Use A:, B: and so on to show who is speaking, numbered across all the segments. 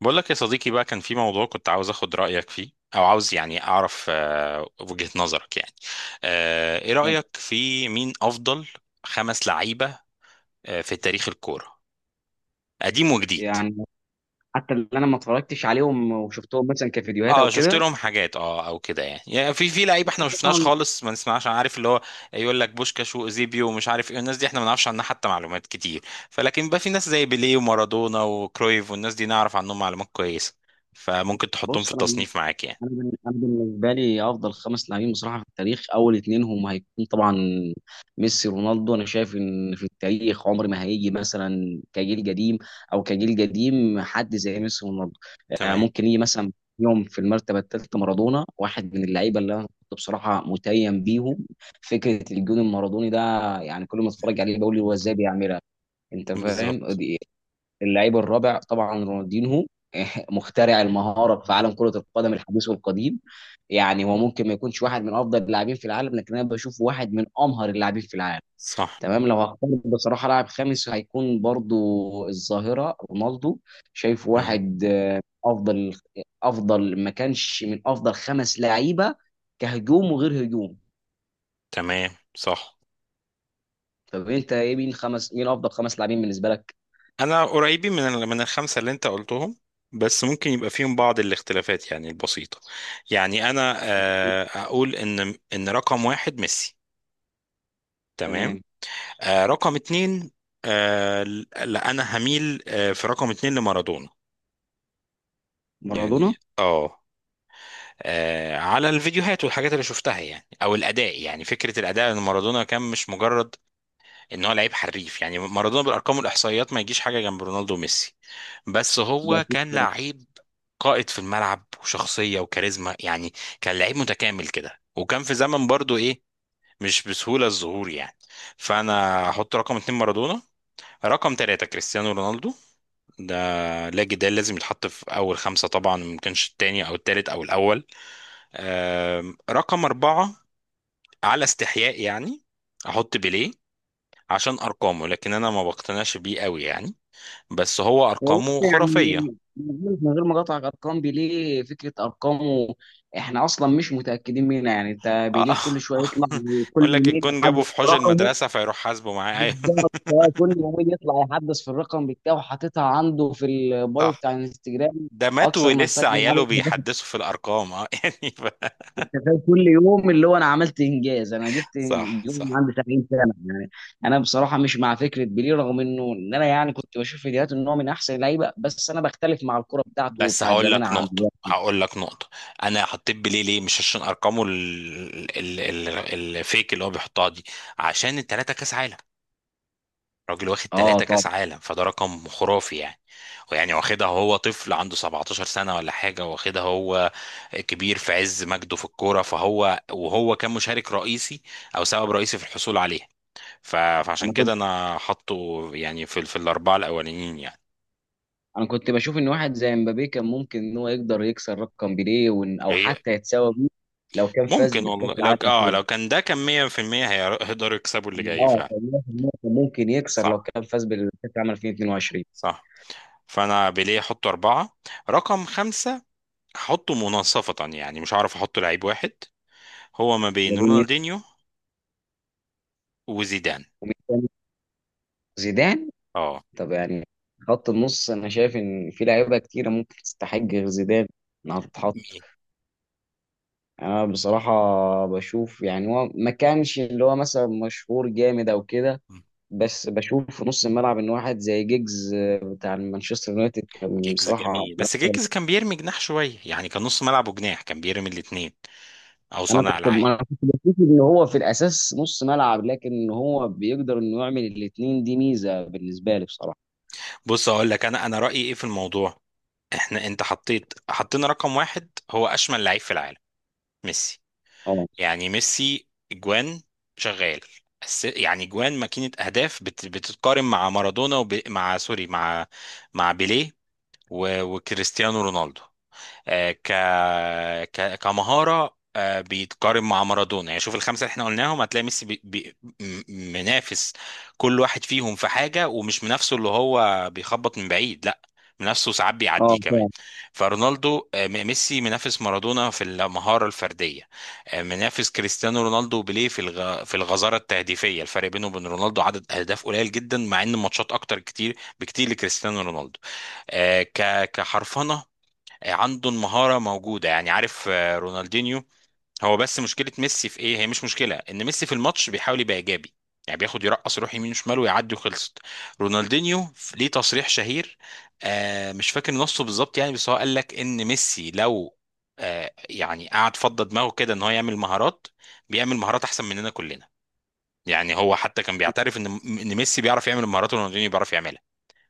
A: بقول لك يا صديقي بقى، كان في موضوع كنت عاوز اخد رأيك فيه. او عاوز اعرف وجهة نظرك. ايه رأيك في مين افضل خمس لعيبة في تاريخ الكورة، قديم وجديد؟
B: يعني حتى اللي انا ما اتفرجتش عليهم وشفتهم مثلا كفيديوهات او
A: اه، شفت
B: كده.
A: لهم حاجات، اه او كده. يعني في لعيبه احنا ما شفناش
B: طبعا.
A: خالص، ما نسمعش. أنا عارف اللي هو يقول لك بوشكاش واوزيبيو ومش عارف ايه، الناس دي احنا ما نعرفش عنها حتى معلومات كتير. فلكن بقى في ناس زي بيليه ومارادونا وكرويف، والناس دي نعرف عنهم معلومات كويسه، فممكن تحطهم في
B: بص،
A: التصنيف معاك يعني.
B: انا بالنسبه لي افضل خمس لاعبين بصراحه في التاريخ، اول اتنين هم هيكون طبعا ميسي ورونالدو. انا شايف ان في التاريخ عمر ما هيجي مثلا كجيل قديم او كجيل قديم حد زي ميسي ورونالدو. ممكن يجي مثلا يوم في المرتبه الثالثه مارادونا، واحد من اللعيبه اللي انا كنت بصراحه متيم بيهم. فكره الجون المارادوني ده، كل ما اتفرج عليه بقول له هو
A: تمام.
B: ازاي بيعملها؟ انت فاهم
A: بالظبط.
B: دي- اللعيب الرابع طبعا رونالدينهو، مخترع المهاره في
A: مم.
B: عالم كره القدم الحديث والقديم. هو ممكن ما يكونش واحد من افضل اللاعبين في العالم، لكن انا بشوف واحد من امهر اللاعبين في العالم.
A: صح.
B: تمام. لو هختار بصراحه لاعب خامس، هيكون برضو الظاهره رونالدو. شايف
A: تمام.
B: واحد افضل، افضل، ما كانش من افضل خمس لعيبه كهجوم وغير هجوم.
A: تمام، صح.
B: طب انت ايه، مين افضل خمس لاعبين بالنسبه لك؟
A: انا قريبين من من الخمسه اللي انت قلتهم، بس ممكن يبقى فيهم بعض الاختلافات يعني البسيطه. يعني انا اقول ان رقم واحد ميسي. تمام.
B: تمام.
A: رقم اتنين، آه، لا انا هميل في رقم اتنين لمارادونا. يعني
B: مارادونا.
A: اه، على الفيديوهات والحاجات اللي شفتها يعني، او الاداء. يعني فكره الاداء، ان مارادونا كان مش مجرد ان هو لعيب حريف. يعني مارادونا بالارقام والاحصائيات ما يجيش حاجه جنب رونالدو وميسي، بس هو كان لعيب قائد في الملعب، وشخصيه وكاريزما يعني. كان لعيب متكامل كده، وكان في زمن برضو ايه، مش بسهوله الظهور يعني. فانا هحط رقم اتنين مارادونا. رقم تلاتة كريستيانو رونالدو، ده لا جدال، لازم يتحط في أول خمسة، طبعا ممكنش التاني أو التالت أو الأول. رقم أربعة، على استحياء يعني، أحط بيليه عشان أرقامه، لكن أنا ما بقتنعش بيه قوي يعني، بس هو
B: والله
A: ارقامه خرافيه.
B: من غير ما اقاطعك، ارقام بيليه، فكره ارقامه احنا اصلا مش متاكدين منها. يعني انت
A: اه.
B: بيليه كل شويه يطلع، كل
A: يقول لك
B: يومين
A: الجون جابه
B: يحدث
A: في حوش
B: رقمه.
A: المدرسه، فيروح حاسبه معاه، ايوه.
B: بالظبط. كل يومين يطلع يحدث في الرقم بتاعه، حاططها عنده في البايو
A: صح.
B: بتاع الانستجرام.
A: ده مات
B: اكثر من
A: ولسه
B: سجل
A: عياله
B: عدد.
A: بيحدثوا في الارقام، اه يعني
B: أنت فاهم؟ كل يوم اللي هو انا عملت انجاز، انا جبت
A: صح،
B: يوم
A: صح.
B: عندي 70 سنه يعني. انا بصراحه مش مع فكره بيليه، رغم ان انا كنت بشوف فيديوهات ان هو من احسن اللعيبه، بس انا بختلف مع الكره بتاعته
A: بس
B: وبتاعت
A: هقول
B: زمان
A: لك
B: عن
A: نقطه،
B: دلوقتي.
A: هقول لك نقطه. انا حطيت بيليه ليه؟ مش عشان ارقامه الفيك اللي هو بيحطها دي، عشان التلاته كاس عالم. راجل واخد
B: اه
A: ثلاثة
B: طبعا.
A: كاس عالم، فده رقم خرافي يعني. ويعني واخدها هو طفل عنده 17 سنة ولا حاجة، واخدها هو كبير في عز مجده في الكورة، فهو وهو كان مشارك رئيسي او سبب رئيسي في الحصول عليها. فعشان
B: انا كنت
A: كده انا حاطه يعني في في الاربعة الاولانيين يعني.
B: انا كنت بشوف ان واحد زي مبابي كان ممكن ان هو يقدر يكسر رقم بيليه، او
A: إيه؟
B: حتى يتساوى بيه لو كان فاز
A: ممكن
B: بالكاس
A: والله، لو
B: العالم
A: اه
B: الاخير.
A: لو كان ده كان 100% هيقدروا يكسبوا اللي جاي
B: اه،
A: فعلا.
B: كان 100% كان ممكن يكسر لو
A: صح،
B: كان فاز بالكاس العالم 2022.
A: صح. فانا بيليه احطه اربعة. رقم خمسة هحطه مناصفة، يعني مش هعرف احط لعيب واحد، هو ما
B: ما
A: بين
B: بين مين
A: رونالدينيو وزيدان.
B: ومين تاني؟ زيدان؟
A: اه.
B: طب يعني خط النص، انا شايف ان في لعيبه كتيره ممكن تستحق غير زيدان انها تتحط.
A: مين؟
B: انا بصراحه بشوف، يعني هو ما كانش اللي هو مثلا مشهور جامد او كده، بس بشوف في نص الملعب ان واحد زي جيجز، بتاع مانشستر يونايتد، كان
A: جيجز
B: بصراحه
A: جميل،
B: من
A: بس
B: أكتر.
A: جيجز كان بيرمي جناح شوية، يعني كان نص ملعب وجناح، كان بيرمي الاتنين او
B: انا
A: صانع
B: كنت
A: العاب.
B: انا كنت بشوف ان هو في الاساس نص ملعب، لكن هو بيقدر انه يعمل الاثنين، دي ميزه بالنسبه لي بصراحه.
A: بص اقول لك انا، رأيي ايه في الموضوع. احنا انت حطيت، حطينا رقم واحد هو اشمل لعيب في العالم ميسي.
B: اه.
A: يعني ميسي جوان شغال، يعني جوان ماكينة اهداف، بتتقارن مع مارادونا، مع سوري، مع مع بيليه وكريستيانو رونالدو. آه، ك... كمهارة بيتقارن مع مارادونا. يعني شوف الخمسة اللي احنا قلناهم، هتلاقي ميسي منافس كل واحد فيهم في حاجة. ومش منافسه اللي هو بيخبط من بعيد، لا، منافسه ساعات بيعديه كمان.
B: اه،
A: فرونالدو، ميسي منافس مارادونا في المهارة الفردية، منافس كريستيانو رونالدو وبيليه في في الغزارة التهديفية. الفرق بينه وبين رونالدو عدد أهداف قليل جدا، مع إن ماتشات أكتر كتير بكتير لكريستيانو رونالدو. كحرفنة عنده المهارة موجودة، يعني عارف رونالدينيو. هو بس مشكلة ميسي في ايه؟ هي مش مشكلة، ان ميسي في الماتش بيحاول يبقى ايجابي، يعني بياخد يرقص، يروح يمين وشمال ويعدي وخلصت. رونالدينيو ليه تصريح شهير، آه مش فاكر نصه بالظبط يعني، بس هو قال لك ان ميسي لو آه يعني قعد فضى دماغه كده ان هو يعمل مهارات، بيعمل مهارات احسن مننا كلنا. يعني هو حتى كان بيعترف ان ميسي بيعرف يعمل المهارات، ورونالدينيو بيعرف يعملها،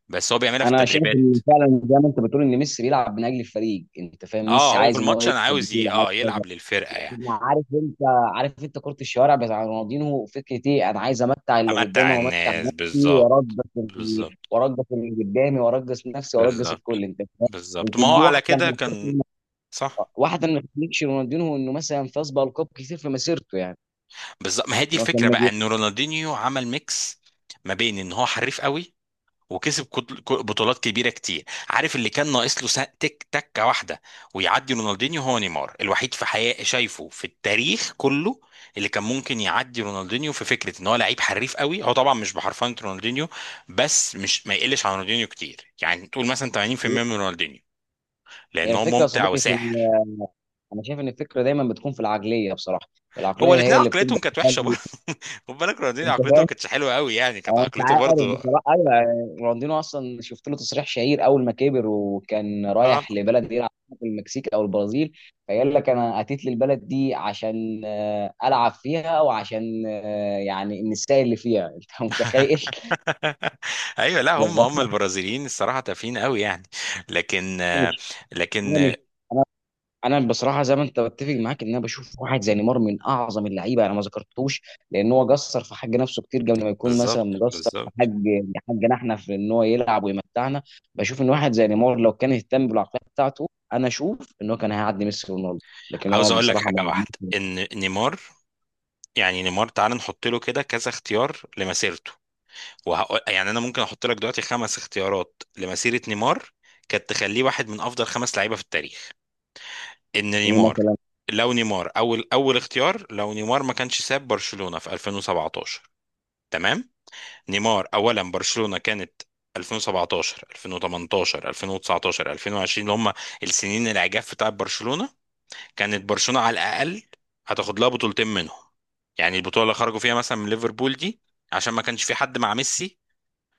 A: بس هو بيعملها في
B: انا شايف
A: التدريبات.
B: ان فعلا زي ما انت بتقول ان ميسي بيلعب من اجل الفريق. انت فاهم؟
A: اه،
B: ميسي
A: هو في
B: عايز ان هو
A: الماتش انا
B: يكسب
A: عاوز ي...
B: بطوله، عايز
A: اه
B: كذا.
A: يلعب للفرقة يعني.
B: أنا عارف، انت عارف انت كره الشوارع بتاع رونالدينو، فكره ايه؟ انا عايز امتع اللي قدامي
A: امتع
B: وامتع
A: الناس.
B: نفسي وارجس
A: بالظبط، بالظبط،
B: وارجس اللي قدامي وارجس نفسي وارجس الكل،
A: بالظبط،
B: انت فاهم.
A: بالظبط ما
B: يمكن
A: هو
B: دي
A: على كده كان. صح.
B: واحده من تخليكش رونالدينو انه مثلا فاز بالقاب كتير في مسيرته يعني.
A: بالظبط، ما هي دي
B: إنه كان
A: الفكره بقى،
B: مجنون.
A: ان رونالدينيو عمل ميكس ما بين ان هو حريف قوي، وكسب بطولات كبيره كتير. عارف اللي كان ناقص له؟ تك، تكه واحده، ويعدي رونالدينيو. هو نيمار الوحيد في حياة شايفه في التاريخ كله، اللي كان ممكن يعدي رونالدينيو في فكره ان هو لعيب حريف قوي. هو طبعا مش بحرفنه رونالدينيو، بس مش ما يقلش عن رونالدينيو كتير، يعني تقول مثلا 80% من رونالدينيو،
B: هي
A: لان هو
B: الفكره يا
A: ممتع
B: صديقي في
A: وساحر.
B: ال- انا شايف ان الفكره دايما بتكون في العقليه بصراحه. العقليه
A: هو الاثنين
B: هي اللي بتبدا،
A: عقليتهم كانت وحشه برضه. خد بالك، رونالدينيو
B: انت
A: عقليته ما
B: فاهم.
A: كانتش حلوه قوي يعني، كانت
B: هو انت
A: عقليته
B: عارف
A: برضه.
B: بصراحه، ايوه، رونالدينو اصلا شفت له تصريح شهير اول ما كبر وكان
A: اه
B: رايح لبلد يلعب في المكسيك او البرازيل، فقال لك انا اتيت للبلد دي عشان العب فيها، وعشان النساء اللي فيها. انت متخيل؟
A: ايوه، لا هم، هم البرازيليين الصراحه تافهين قوي يعني. لكن
B: انا مش
A: لكن
B: انا بصراحه زي ما انت، بتفق معاك ان انا بشوف واحد زي نيمار من اعظم اللعيبه، انا ما ذكرتهوش لان هو قصر في حق نفسه كتير، قبل ما يكون مثلا
A: بالظبط،
B: مقصر في حق
A: بالظبط.
B: حقنا احنا في ان هو يلعب ويمتعنا. بشوف ان واحد زي نيمار، لو كان اهتم بالعقليه بتاعته، انا اشوف ان هو كان هيعدي ميسي ورونالدو، لكن
A: عاوز
B: هو
A: اقول لك
B: بصراحه
A: حاجه
B: ما
A: واحده،
B: عملش.
A: ان نيمار، يعني نيمار تعال نحط له كده كذا اختيار لمسيرته، وهقول يعني. انا ممكن احط لك دلوقتي خمس اختيارات لمسيره نيمار كانت تخليه واحد من افضل خمس لعيبه في التاريخ. ان
B: ايه
A: نيمار،
B: مثلا؟
A: لو نيمار اول اول اختيار، لو نيمار ما كانش ساب برشلونة في 2017. تمام. نيمار، اولا برشلونة كانت 2017، 2018، 2019، 2020، اللي هم السنين العجاف بتاع برشلونة. كانت برشلونة على الاقل هتاخد لها بطولتين منهم، يعني البطولة اللي خرجوا فيها مثلا من ليفربول دي، عشان ما كانش في حد مع ميسي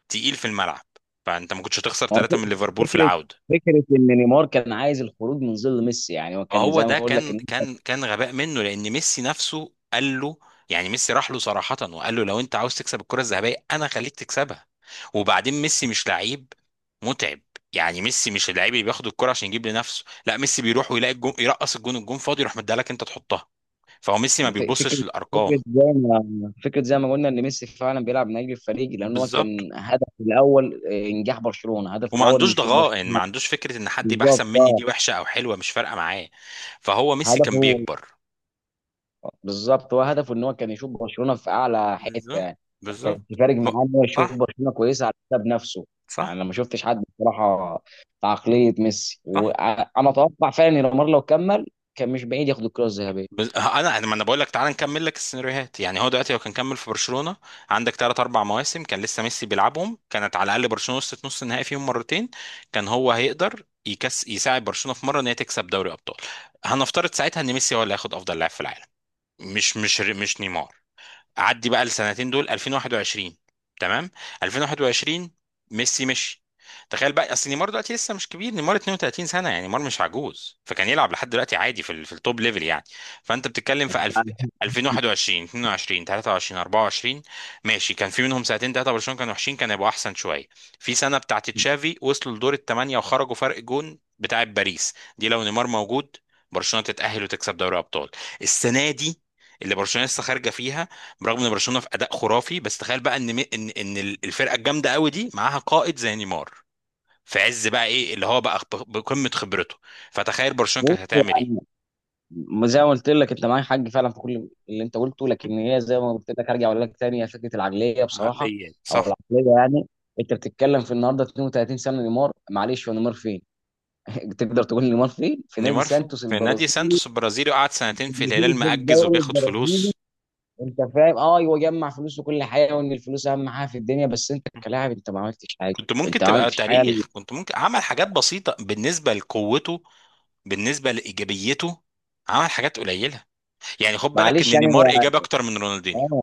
A: تقيل في الملعب. فانت ما كنتش هتخسر
B: هو
A: ثلاثة من ليفربول في
B: فكره
A: العودة.
B: فكره ان نيمار كان عايز الخروج من ظل ميسي. يعني هو كان
A: هو
B: زي ما
A: ده
B: بقول لك،
A: كان غباء منه، لان ميسي نفسه قال له، يعني ميسي راح له صراحة وقال له لو انت عاوز تكسب الكرة الذهبية انا خليك تكسبها. وبعدين ميسي مش لعيب متعب، يعني ميسي مش اللعيب اللي بياخد الكرة عشان يجيب لنفسه، لا ميسي بيروح ويلاقي الجون يرقص، الجون الجون فاضي يروح مديها لك انت تحطها. فهو ميسي ما
B: يعني ف-
A: بيبصش
B: فكرة فكرة
A: للارقام.
B: زي ما فكرة زي ما قلنا ان ميسي فعلا بيلعب من اجل الفريق، لان هو
A: بالظبط.
B: كان هدفه الاول انجاح برشلونة. هدفه
A: وما
B: الاول انه
A: عندوش
B: يشوف
A: ضغائن، ما
B: برشلونة.
A: عندوش فكرة ان حد يبقى احسن
B: بالظبط
A: مني
B: اه.
A: دي وحشة او حلوة مش فارقة معاه. فهو ميسي كان
B: هدفه،
A: بيكبر.
B: بالظبط، هو هدفه ان هو كان يشوف برشلونة في اعلى حتة
A: بالظبط،
B: يعني. فكان
A: بالظبط.
B: فارق معاه ان هو يشوف
A: صح،
B: برشلونة كويسة على حساب نفسه.
A: صح،
B: انا ما شفتش حد بصراحة في عقلية ميسي،
A: صح.
B: وانا اتوقع فعلا ان نيمار لو كمل كان مش بعيد ياخد الكرة
A: بز... انا انا يعني، ما انا بقول لك تعال نكمل لك السيناريوهات. يعني هو دلوقتي لو كان كمل في برشلونه، عندك ثلاث اربع مواسم كان لسه ميسي بيلعبهم. كانت على الاقل برشلونه وصلت نص النهائي فيهم مرتين. كان هو هيقدر يساعد برشلونه في مره ان هي تكسب دوري ابطال. هنفترض ساعتها ان ميسي هو اللي هياخد افضل لاعب في العالم، مش نيمار. عدي بقى السنتين دول 2021. تمام. 2021 ميسي مشي. تخيل بقى، اصل نيمار دلوقتي لسه مش كبير، نيمار 32 سنه، يعني نيمار مش عجوز، فكان يلعب لحد دلوقتي عادي في في التوب ليفل يعني. فانت بتتكلم في
B: الذهبية.
A: 2021، 22، 23، 24. ماشي، كان في منهم سنتين ثلاثه برشلونه كانوا وحشين، كان يبقوا احسن شويه. في سنه بتاعت تشافي وصلوا لدور الثمانيه وخرجوا فرق جون بتاعت باريس دي، لو نيمار موجود برشلونه تتاهل وتكسب دوري ابطال. السنه دي اللي برشلونه لسه خارجه فيها، برغم ان برشلونه في اداء خرافي، بس تخيل بقى ان الفرقه الجامده قوي دي معاها قائد زي نيمار، في عز بقى ايه، اللي هو بقى بقمه خبرته، فتخيل برشلونه كانت هتعمل ايه.
B: زي ما قلت لك، انت معاك حق فعلا في كل اللي انت قلته، لكن هي زي ما قلت لك، هرجع اقول لك تاني، هي فكره العقليه بصراحه،
A: عقليات،
B: او
A: صح.
B: العقليه يعني. انت بتتكلم في النهارده 32 سنه نيمار، معلش هو نيمار فين؟ تقدر تقول نيمار فين؟ في نادي
A: نيمار في
B: سانتوس
A: في نادي
B: البرازيلي،
A: سانتوس البرازيلي، وقعد سنتين في الهلال
B: البرازيل، في
A: مأجز
B: الدوري
A: وبياخد
B: البرازيلي.
A: فلوس.
B: انت فاهم؟ اه، هو جمع فلوس وكل حاجه وان الفلوس اهم حاجه في الدنيا، بس انت كلاعب انت ما عملتش حاجه.
A: كنت ممكن
B: انت ما
A: تبقى
B: عملتش حاجه.
A: تاريخ، كنت ممكن عمل حاجات بسيطة بالنسبة لقوته، بالنسبة لإيجابيته، عمل حاجات قليلة. يعني خد بالك إن
B: معلش يعني
A: نيمار
B: هو،
A: إيجابي أكتر من رونالدينيو.
B: اه،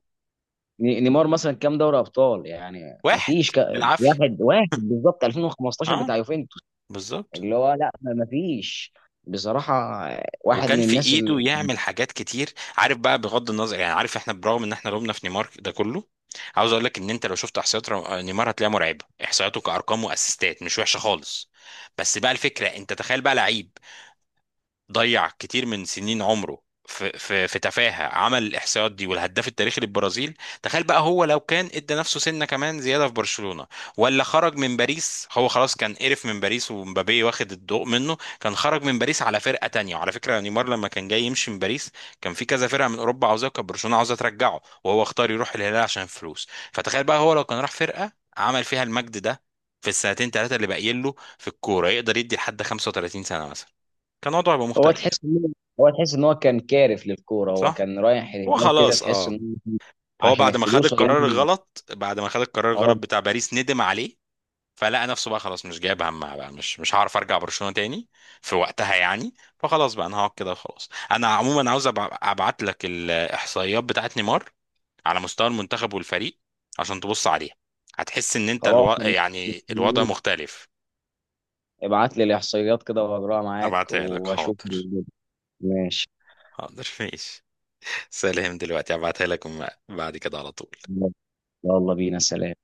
B: نيمار مثلا كام دوري ابطال؟ يعني ما
A: واحد
B: فيش ك...
A: بالعافية.
B: واحد، واحد بالظبط 2015
A: اه،
B: بتاع يوفنتوس.
A: بالظبط.
B: اللي هو، لا، ما فيش بصراحة. واحد
A: وكان
B: من
A: في
B: الناس
A: ايده
B: اللي
A: يعمل حاجات كتير، عارف بقى، بغض النظر يعني، عارف احنا برغم ان احنا لومنا في نيمار ده كله، عاوز اقول لك ان انت لو شفت احصائيات نيمار هتلاقيها مرعبه، احصائياته كارقام واسيستات مش وحشه خالص. بس بقى الفكره انت تخيل بقى لعيب ضيع كتير من سنين عمره في في تفاهه، عمل الاحصائيات دي والهداف التاريخي للبرازيل. تخيل بقى هو لو كان ادى نفسه سنه كمان زياده في برشلونه، ولا خرج من باريس. هو خلاص كان قرف من باريس، ومبابي واخد الضوء منه، كان خرج من باريس على فرقه تانية. وعلى فكره نيمار لما كان جاي يمشي من باريس كان في كذا فرقه من اوروبا عاوزاه، كان برشلونه عاوزاه ترجعه، وهو اختار يروح الهلال عشان الفلوس. فتخيل بقى هو لو كان راح فرقه عمل فيها المجد ده في السنتين ثلاثه اللي باقيين له في الكوره، يقدر يدي لحد 35 سنه مثلا، كان وضعه يبقى
B: هو
A: مختلف.
B: تحس ان، تحس ان هو كان كارف للكورة. هو
A: صح،
B: كان رايح
A: هو
B: الهلال كده،
A: خلاص
B: تحس
A: اه،
B: ان هو
A: هو
B: عشان
A: بعد ما خد
B: الفلوس
A: القرار الغلط، بعد ما خد القرار
B: اه.
A: الغلط بتاع باريس ندم عليه، فلقى نفسه بقى خلاص مش جايب همها بقى، مش مش هعرف ارجع برشلونة تاني في وقتها يعني، فخلاص بقى انا هقعد كده وخلاص. انا عموما عاوز ابعت لك الاحصائيات بتاعت نيمار على مستوى المنتخب والفريق، عشان تبص عليها، هتحس ان انت
B: خلاص،
A: يعني الوضع مختلف.
B: ابعت لي الاحصائيات كده واجراها معاك
A: ابعتها لك،
B: واشوف.
A: حاضر.
B: ماشي.
A: حاضر، ماشي. سلام، دلوقتي ابعتها لك، بعد كده على طول.
B: يلا بينا، سلام.